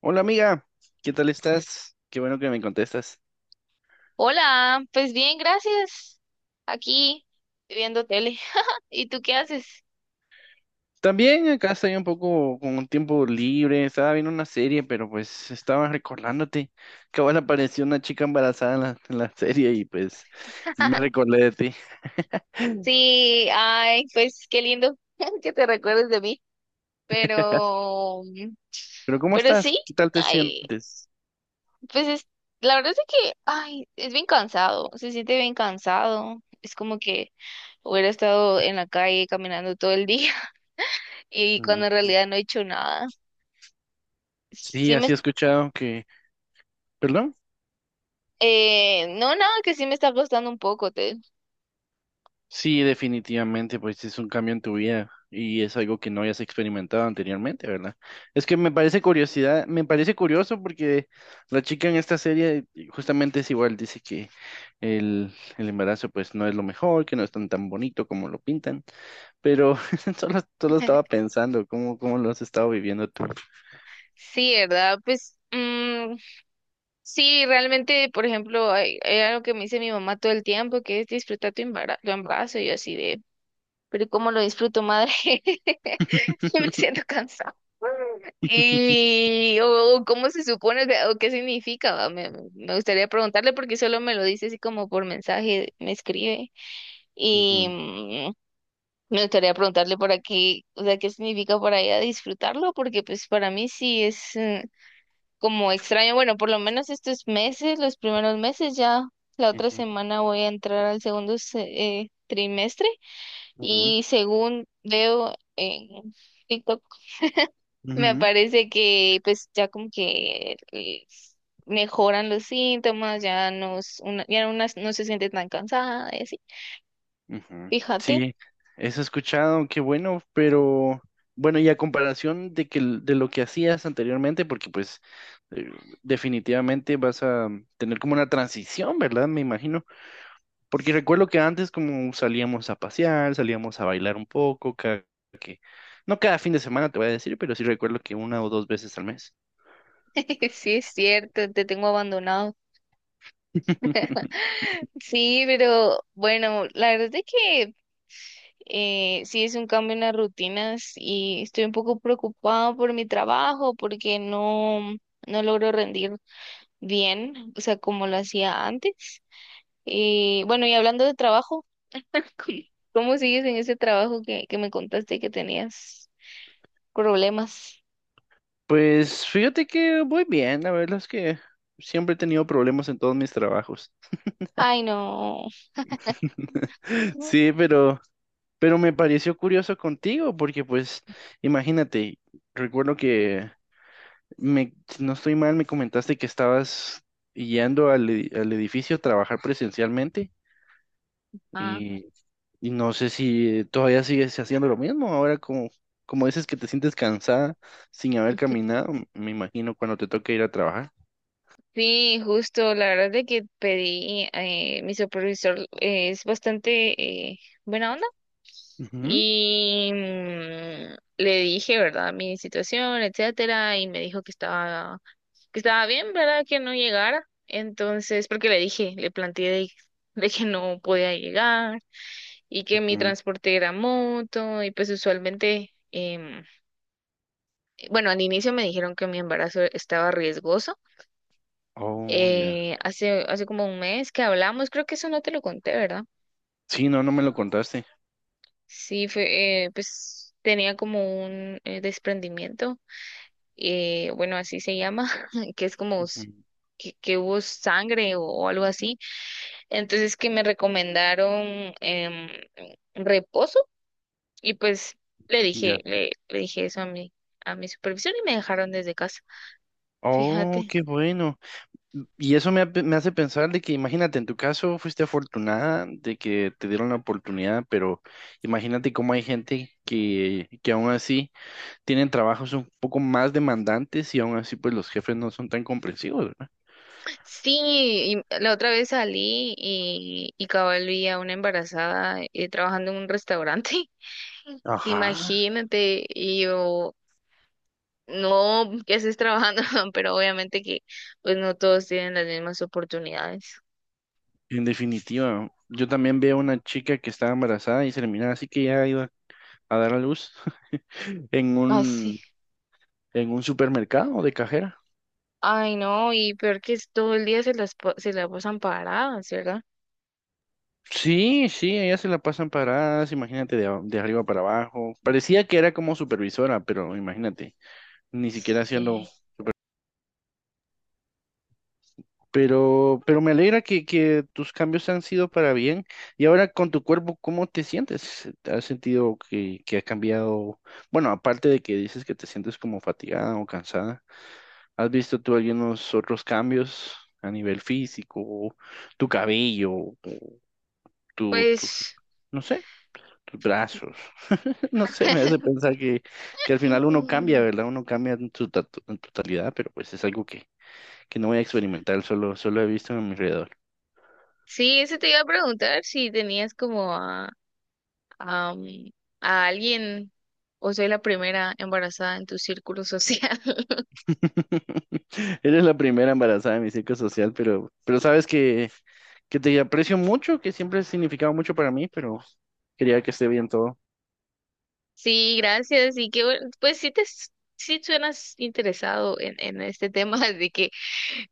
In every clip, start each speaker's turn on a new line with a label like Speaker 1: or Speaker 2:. Speaker 1: Hola amiga, ¿qué tal estás? Qué bueno que me contestas.
Speaker 2: Hola, pues bien, gracias. Aquí viendo tele. ¿Y tú qué haces?
Speaker 1: También acá estoy un poco con un tiempo libre, estaba viendo una serie, pero pues estaba recordándote que ahora apareció una chica embarazada en la serie y pues me recordé de ti.
Speaker 2: Sí, ay, pues qué lindo que te recuerdes de mí. Pero,
Speaker 1: Pero ¿cómo
Speaker 2: pero
Speaker 1: estás?
Speaker 2: sí,
Speaker 1: ¿Qué tal te
Speaker 2: ay,
Speaker 1: sientes?
Speaker 2: pues es, la verdad es que, ay, es bien cansado, se siente bien cansado. Es como que hubiera estado en la calle caminando todo el día y
Speaker 1: Mm,
Speaker 2: cuando en realidad no he hecho nada.
Speaker 1: sí,
Speaker 2: Sí me,
Speaker 1: así he escuchado que... ¿Perdón?
Speaker 2: no, nada, que sí me está costando un poco, te.
Speaker 1: Sí, definitivamente, pues es un cambio en tu vida y es algo que no hayas experimentado anteriormente, ¿verdad? Es que me parece curiosidad, me parece curioso porque la chica en esta serie justamente es igual, dice que el, el embarazo pues no es lo mejor, que no es tan tan bonito como lo pintan, pero solo estaba pensando cómo lo has estado viviendo tú.
Speaker 2: Sí, ¿verdad? Sí, realmente, por ejemplo, hay algo que me dice mi mamá todo el tiempo, que es disfrutar tu embarazo, y yo así de, pero ¿cómo lo disfruto, madre? Yo me siento cansada. O cómo se supone, o sea, o qué significa, va. Me gustaría preguntarle porque solo me lo dice así como por mensaje, me escribe. Y
Speaker 1: Ujú,
Speaker 2: mm, Me gustaría preguntarle por aquí, o sea, qué significa para ella disfrutarlo, porque pues para mí sí es, como extraño. Bueno, por lo menos estos meses, los primeros meses, ya la otra
Speaker 1: ujú,
Speaker 2: semana voy a entrar al segundo, trimestre,
Speaker 1: ujú,
Speaker 2: y según veo en TikTok, me
Speaker 1: ujú.
Speaker 2: aparece que pues ya como que mejoran los síntomas, ya no, ya una no se siente tan cansada y así.
Speaker 1: Ujú.
Speaker 2: Fíjate.
Speaker 1: Sí, eso he escuchado, qué bueno, pero bueno, y a comparación de que de lo que hacías anteriormente, porque pues eh, definitivamente vas a tener como una transición, ¿verdad? Me imagino, porque recuerdo que antes como salíamos a pasear, salíamos a bailar un poco, cada que no cada fin de semana te voy a decir, pero sí recuerdo que 1 o 2 veces al mes.
Speaker 2: Sí, es cierto, te tengo abandonado. Sí, pero bueno, la verdad es de que, sí, es un cambio en las rutinas y estoy un poco preocupada por mi trabajo porque no logro rendir bien, o sea, como lo hacía antes. Y bueno, y hablando de trabajo, ¿cómo cómo sigues en ese trabajo que me contaste que tenías problemas?
Speaker 1: Pues fíjate que voy bien, la verdad es que siempre he tenido problemas en todos mis trabajos.
Speaker 2: Ay, no.
Speaker 1: Sí, pero me pareció curioso contigo, porque pues, imagínate, recuerdo que me, si no estoy mal, me comentaste que estabas yendo al, al edificio a trabajar presencialmente
Speaker 2: Ah.
Speaker 1: y, y no sé si todavía sigues haciendo lo mismo. Ahora como, como dices que te sientes cansada sin haber caminado, me imagino cuando te toque ir a trabajar.
Speaker 2: Sí, justo, la verdad de que pedí, mi supervisor es bastante buena onda.
Speaker 1: Ujú,
Speaker 2: Le dije, ¿verdad?, mi situación, etcétera, y me dijo que estaba bien, ¿verdad? Que no llegara. Entonces, porque le dije, le planteé de que no podía llegar y que mi
Speaker 1: ujú.
Speaker 2: transporte era moto y pues usualmente, bueno, al inicio me dijeron que mi embarazo estaba riesgoso.
Speaker 1: Oh, ya.
Speaker 2: Hace como un mes que hablamos, creo que eso no te lo conté, ¿verdad?
Speaker 1: Sí, no, no me lo contaste.
Speaker 2: Sí, fue, pues tenía como un desprendimiento, bueno, así se llama, que es como
Speaker 1: Ujú,
Speaker 2: s- que hubo sangre o algo así. Entonces, que me recomendaron reposo y pues le
Speaker 1: ya.
Speaker 2: dije, le dije eso a mi supervisor, y me dejaron desde casa.
Speaker 1: Oh,
Speaker 2: Fíjate.
Speaker 1: qué bueno. Y eso me, me hace pensar de que, imagínate, en tu caso fuiste afortunada de que te dieron la oportunidad, pero imagínate cómo hay gente que aún así tienen trabajos un poco más demandantes y aún así pues los jefes no son tan comprensivos, ¿verdad?
Speaker 2: Sí, y la otra vez salí y cabal vi a una embarazada trabajando en un restaurante.
Speaker 1: Ajá.
Speaker 2: Imagínate, y yo, no que estés trabajando, pero obviamente que pues no todos tienen las mismas oportunidades.
Speaker 1: En definitiva, yo también veo una chica que estaba embarazada y se le miraba así que ya iba a dar a luz en
Speaker 2: Así.
Speaker 1: un, en un supermercado de cajera.
Speaker 2: Ay, no, y peor que es todo el día se la pasan paradas, ¿verdad?
Speaker 1: Sí, sí, ellas se la pasan paradas, imagínate, de, de arriba para abajo. Parecía que era como supervisora, pero imagínate, ni siquiera haciendo.
Speaker 2: Sí.
Speaker 1: Pero me alegra que tus cambios han sido para bien. Y ahora con tu cuerpo, ¿cómo te sientes? ¿Has sentido que ha cambiado? Bueno, aparte de que dices que te sientes como fatigada o cansada, ¿has visto tú algunos otros cambios a nivel físico, tu cabello, tu, tus,
Speaker 2: Pues
Speaker 1: no sé, tus brazos? No sé, me hace pensar que al final uno cambia, ¿verdad? Uno cambia en su en totalidad, pero pues es algo que no voy a experimentar, solo, solo he visto a mi alrededor.
Speaker 2: sí, eso te iba a preguntar si tenías como a, mm, a alguien o soy la primera embarazada en tu círculo social.
Speaker 1: Eres la primera embarazada de mi círculo social, pero sabes que te aprecio mucho, que siempre has significado mucho para mí, pero quería que esté bien todo.
Speaker 2: Sí, gracias. Y que bueno, pues sí suenas interesado en este tema, así que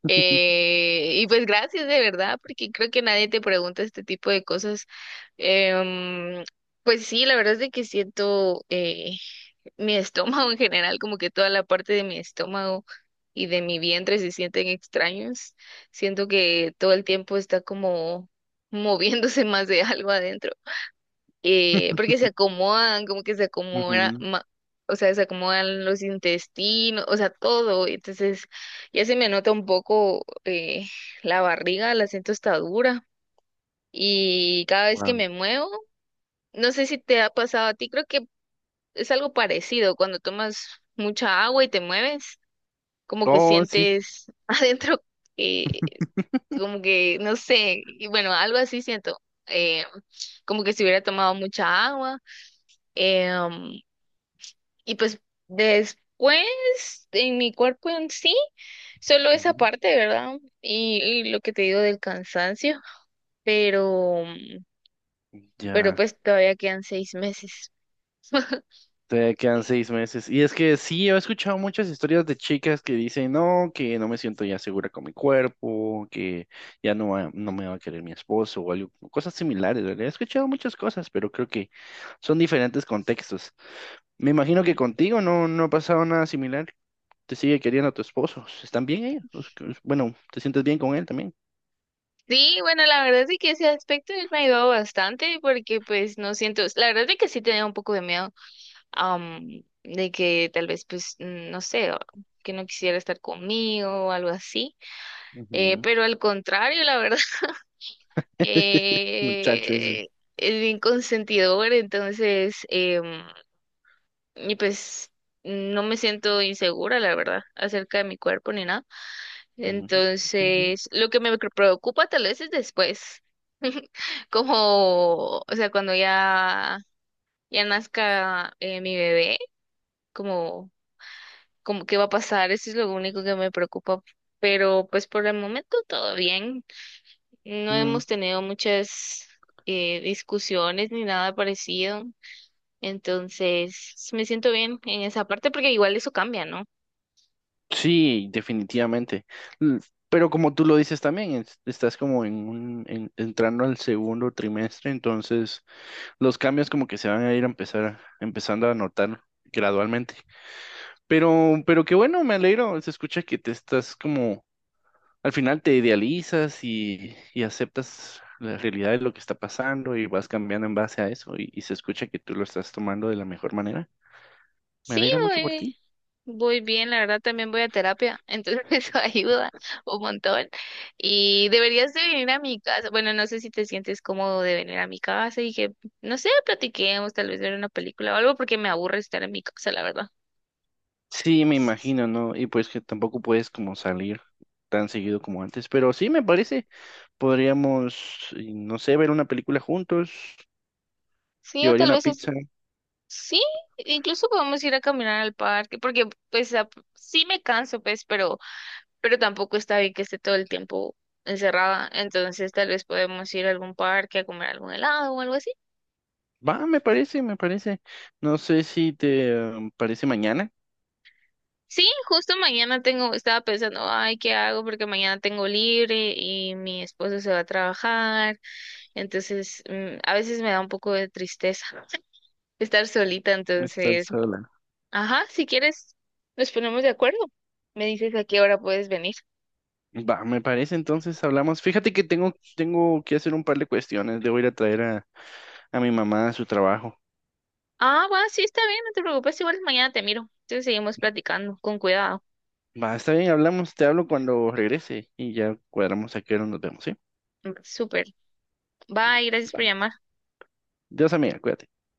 Speaker 2: y pues gracias de verdad, porque creo que nadie te pregunta este tipo de cosas. Em, pues sí, la verdad es de que siento, mi estómago en general, como que toda la parte de mi estómago y de mi vientre se sienten extraños. Siento que todo el tiempo está como moviéndose más de algo adentro, porque se acomodan, como que se acomoda,
Speaker 1: Ujú.
Speaker 2: ma- o sea, se acomodan los intestinos, o sea, todo. Entonces, ya se me nota un poco, la barriga, la siento está dura. Y cada vez que
Speaker 1: Wow.
Speaker 2: me muevo, no sé si te ha pasado a ti, creo que es algo parecido, cuando tomas mucha agua y te mueves, como que
Speaker 1: Oh, sí.
Speaker 2: sientes adentro, eh, como que, no sé, y bueno, algo así siento. eh, Como que si hubiera tomado mucha agua, em, y pues después en mi cuerpo en sí, solo esa
Speaker 1: Ujú.
Speaker 2: parte, ¿verdad? Y lo que te digo del cansancio, pero, pero
Speaker 1: Ya.
Speaker 2: pues todavía quedan 6 meses.
Speaker 1: Te quedan 6 meses. Y es que sí, he escuchado muchas historias de chicas que dicen, no, que no me siento ya segura con mi cuerpo, que ya no, no
Speaker 2: Ujú.
Speaker 1: me va a querer mi esposo o algo, cosas similares, ¿verdad? He escuchado muchas cosas, pero creo que son diferentes contextos. Me imagino que
Speaker 2: Sí.
Speaker 1: contigo no, no ha pasado nada similar. Te sigue queriendo tu esposo. ¿Están bien ellos? Pues, bueno, ¿te sientes bien con él también?
Speaker 2: Sí, bueno, la verdad es que ese aspecto él me ha ayudado bastante, porque pues no siento, la verdad es que sí tenía un poco de miedo, de que tal vez no sé, o que no quisiera estar conmigo o algo así,
Speaker 1: Ujú,
Speaker 2: pero al contrario, la verdad,
Speaker 1: muchacho ese.
Speaker 2: eh, es bien consentidor, entonces, y pues no me siento insegura, la verdad, acerca de mi cuerpo ni nada. Entonces, lo que preocupa tal vez es después, como, o sea, cuando ya, ya nazca, mi bebé, como, como qué va a pasar, eso es lo único que me preocupa. Pero pues por el momento todo bien. No
Speaker 1: Ujú.
Speaker 2: hemos tenido muchas discusiones ni nada parecido. Entonces, me siento bien en esa parte porque igual eso cambia, ¿no?
Speaker 1: Sí, definitivamente. L- Pero como tú lo dices también, estás como en un, entrando al segundo trimestre, entonces los cambios como que se van a ir a empezar, empezando a notar gradualmente. Pero qué bueno, me alegro. Se escucha que te estás como, al final te idealizas y aceptas la realidad de lo que está pasando y vas cambiando en base a eso y se escucha que tú lo estás tomando de la mejor manera. Me
Speaker 2: Sí,
Speaker 1: alegra mucho por ti.
Speaker 2: voy bien, la verdad también voy a terapia, entonces eso ayuda un montón. Y deberías de venir a mi casa, bueno, no sé si te sientes cómodo de venir a mi casa y que, no sé, platiquemos, tal vez ver una película o algo, porque me aburre estar en mi casa, la verdad.
Speaker 1: Sí, me
Speaker 2: S-
Speaker 1: imagino, ¿no? Y pues que tampoco puedes como salir tan seguido como antes, pero sí me parece, podríamos, y no sé, ver una película juntos,
Speaker 2: Sí, o
Speaker 1: llevaría
Speaker 2: tal
Speaker 1: una
Speaker 2: vez es,
Speaker 1: pizza.
Speaker 2: sí, incluso podemos ir a caminar al parque porque pues a- sí me canso, pues, pero tampoco está bien que esté todo el tiempo encerrada. Entonces, tal vez podemos ir a algún parque a comer algún helado o algo así.
Speaker 1: Va, me parece, me parece. No sé si te parece mañana.
Speaker 2: Sí, justo mañana tengo, estaba pensando, ay, ¿qué hago? Porque mañana tengo libre y mi esposo se va a trabajar. Entonces, a veces me da un poco de tristeza estar solita.
Speaker 1: Estás
Speaker 2: Entonces,
Speaker 1: sola.
Speaker 2: ajá, si quieres, nos ponemos de acuerdo. Me dices a qué hora puedes venir.
Speaker 1: Va, me parece, entonces hablamos. Fíjate que tengo, tengo que hacer un par de cuestiones. Debo ir a traer a mi mamá a su trabajo.
Speaker 2: Ah, va, sí, está bien, no te preocupes, igual mañana te miro. Entonces seguimos platicando, con cuidado.
Speaker 1: Va, está bien, hablamos, te hablo cuando regrese y ya cuadramos a qué hora nos vemos, ¿sí?
Speaker 2: Súper. Bye, gracias
Speaker 1: Va.
Speaker 2: por llamar.
Speaker 1: Dios amiga, cuídate.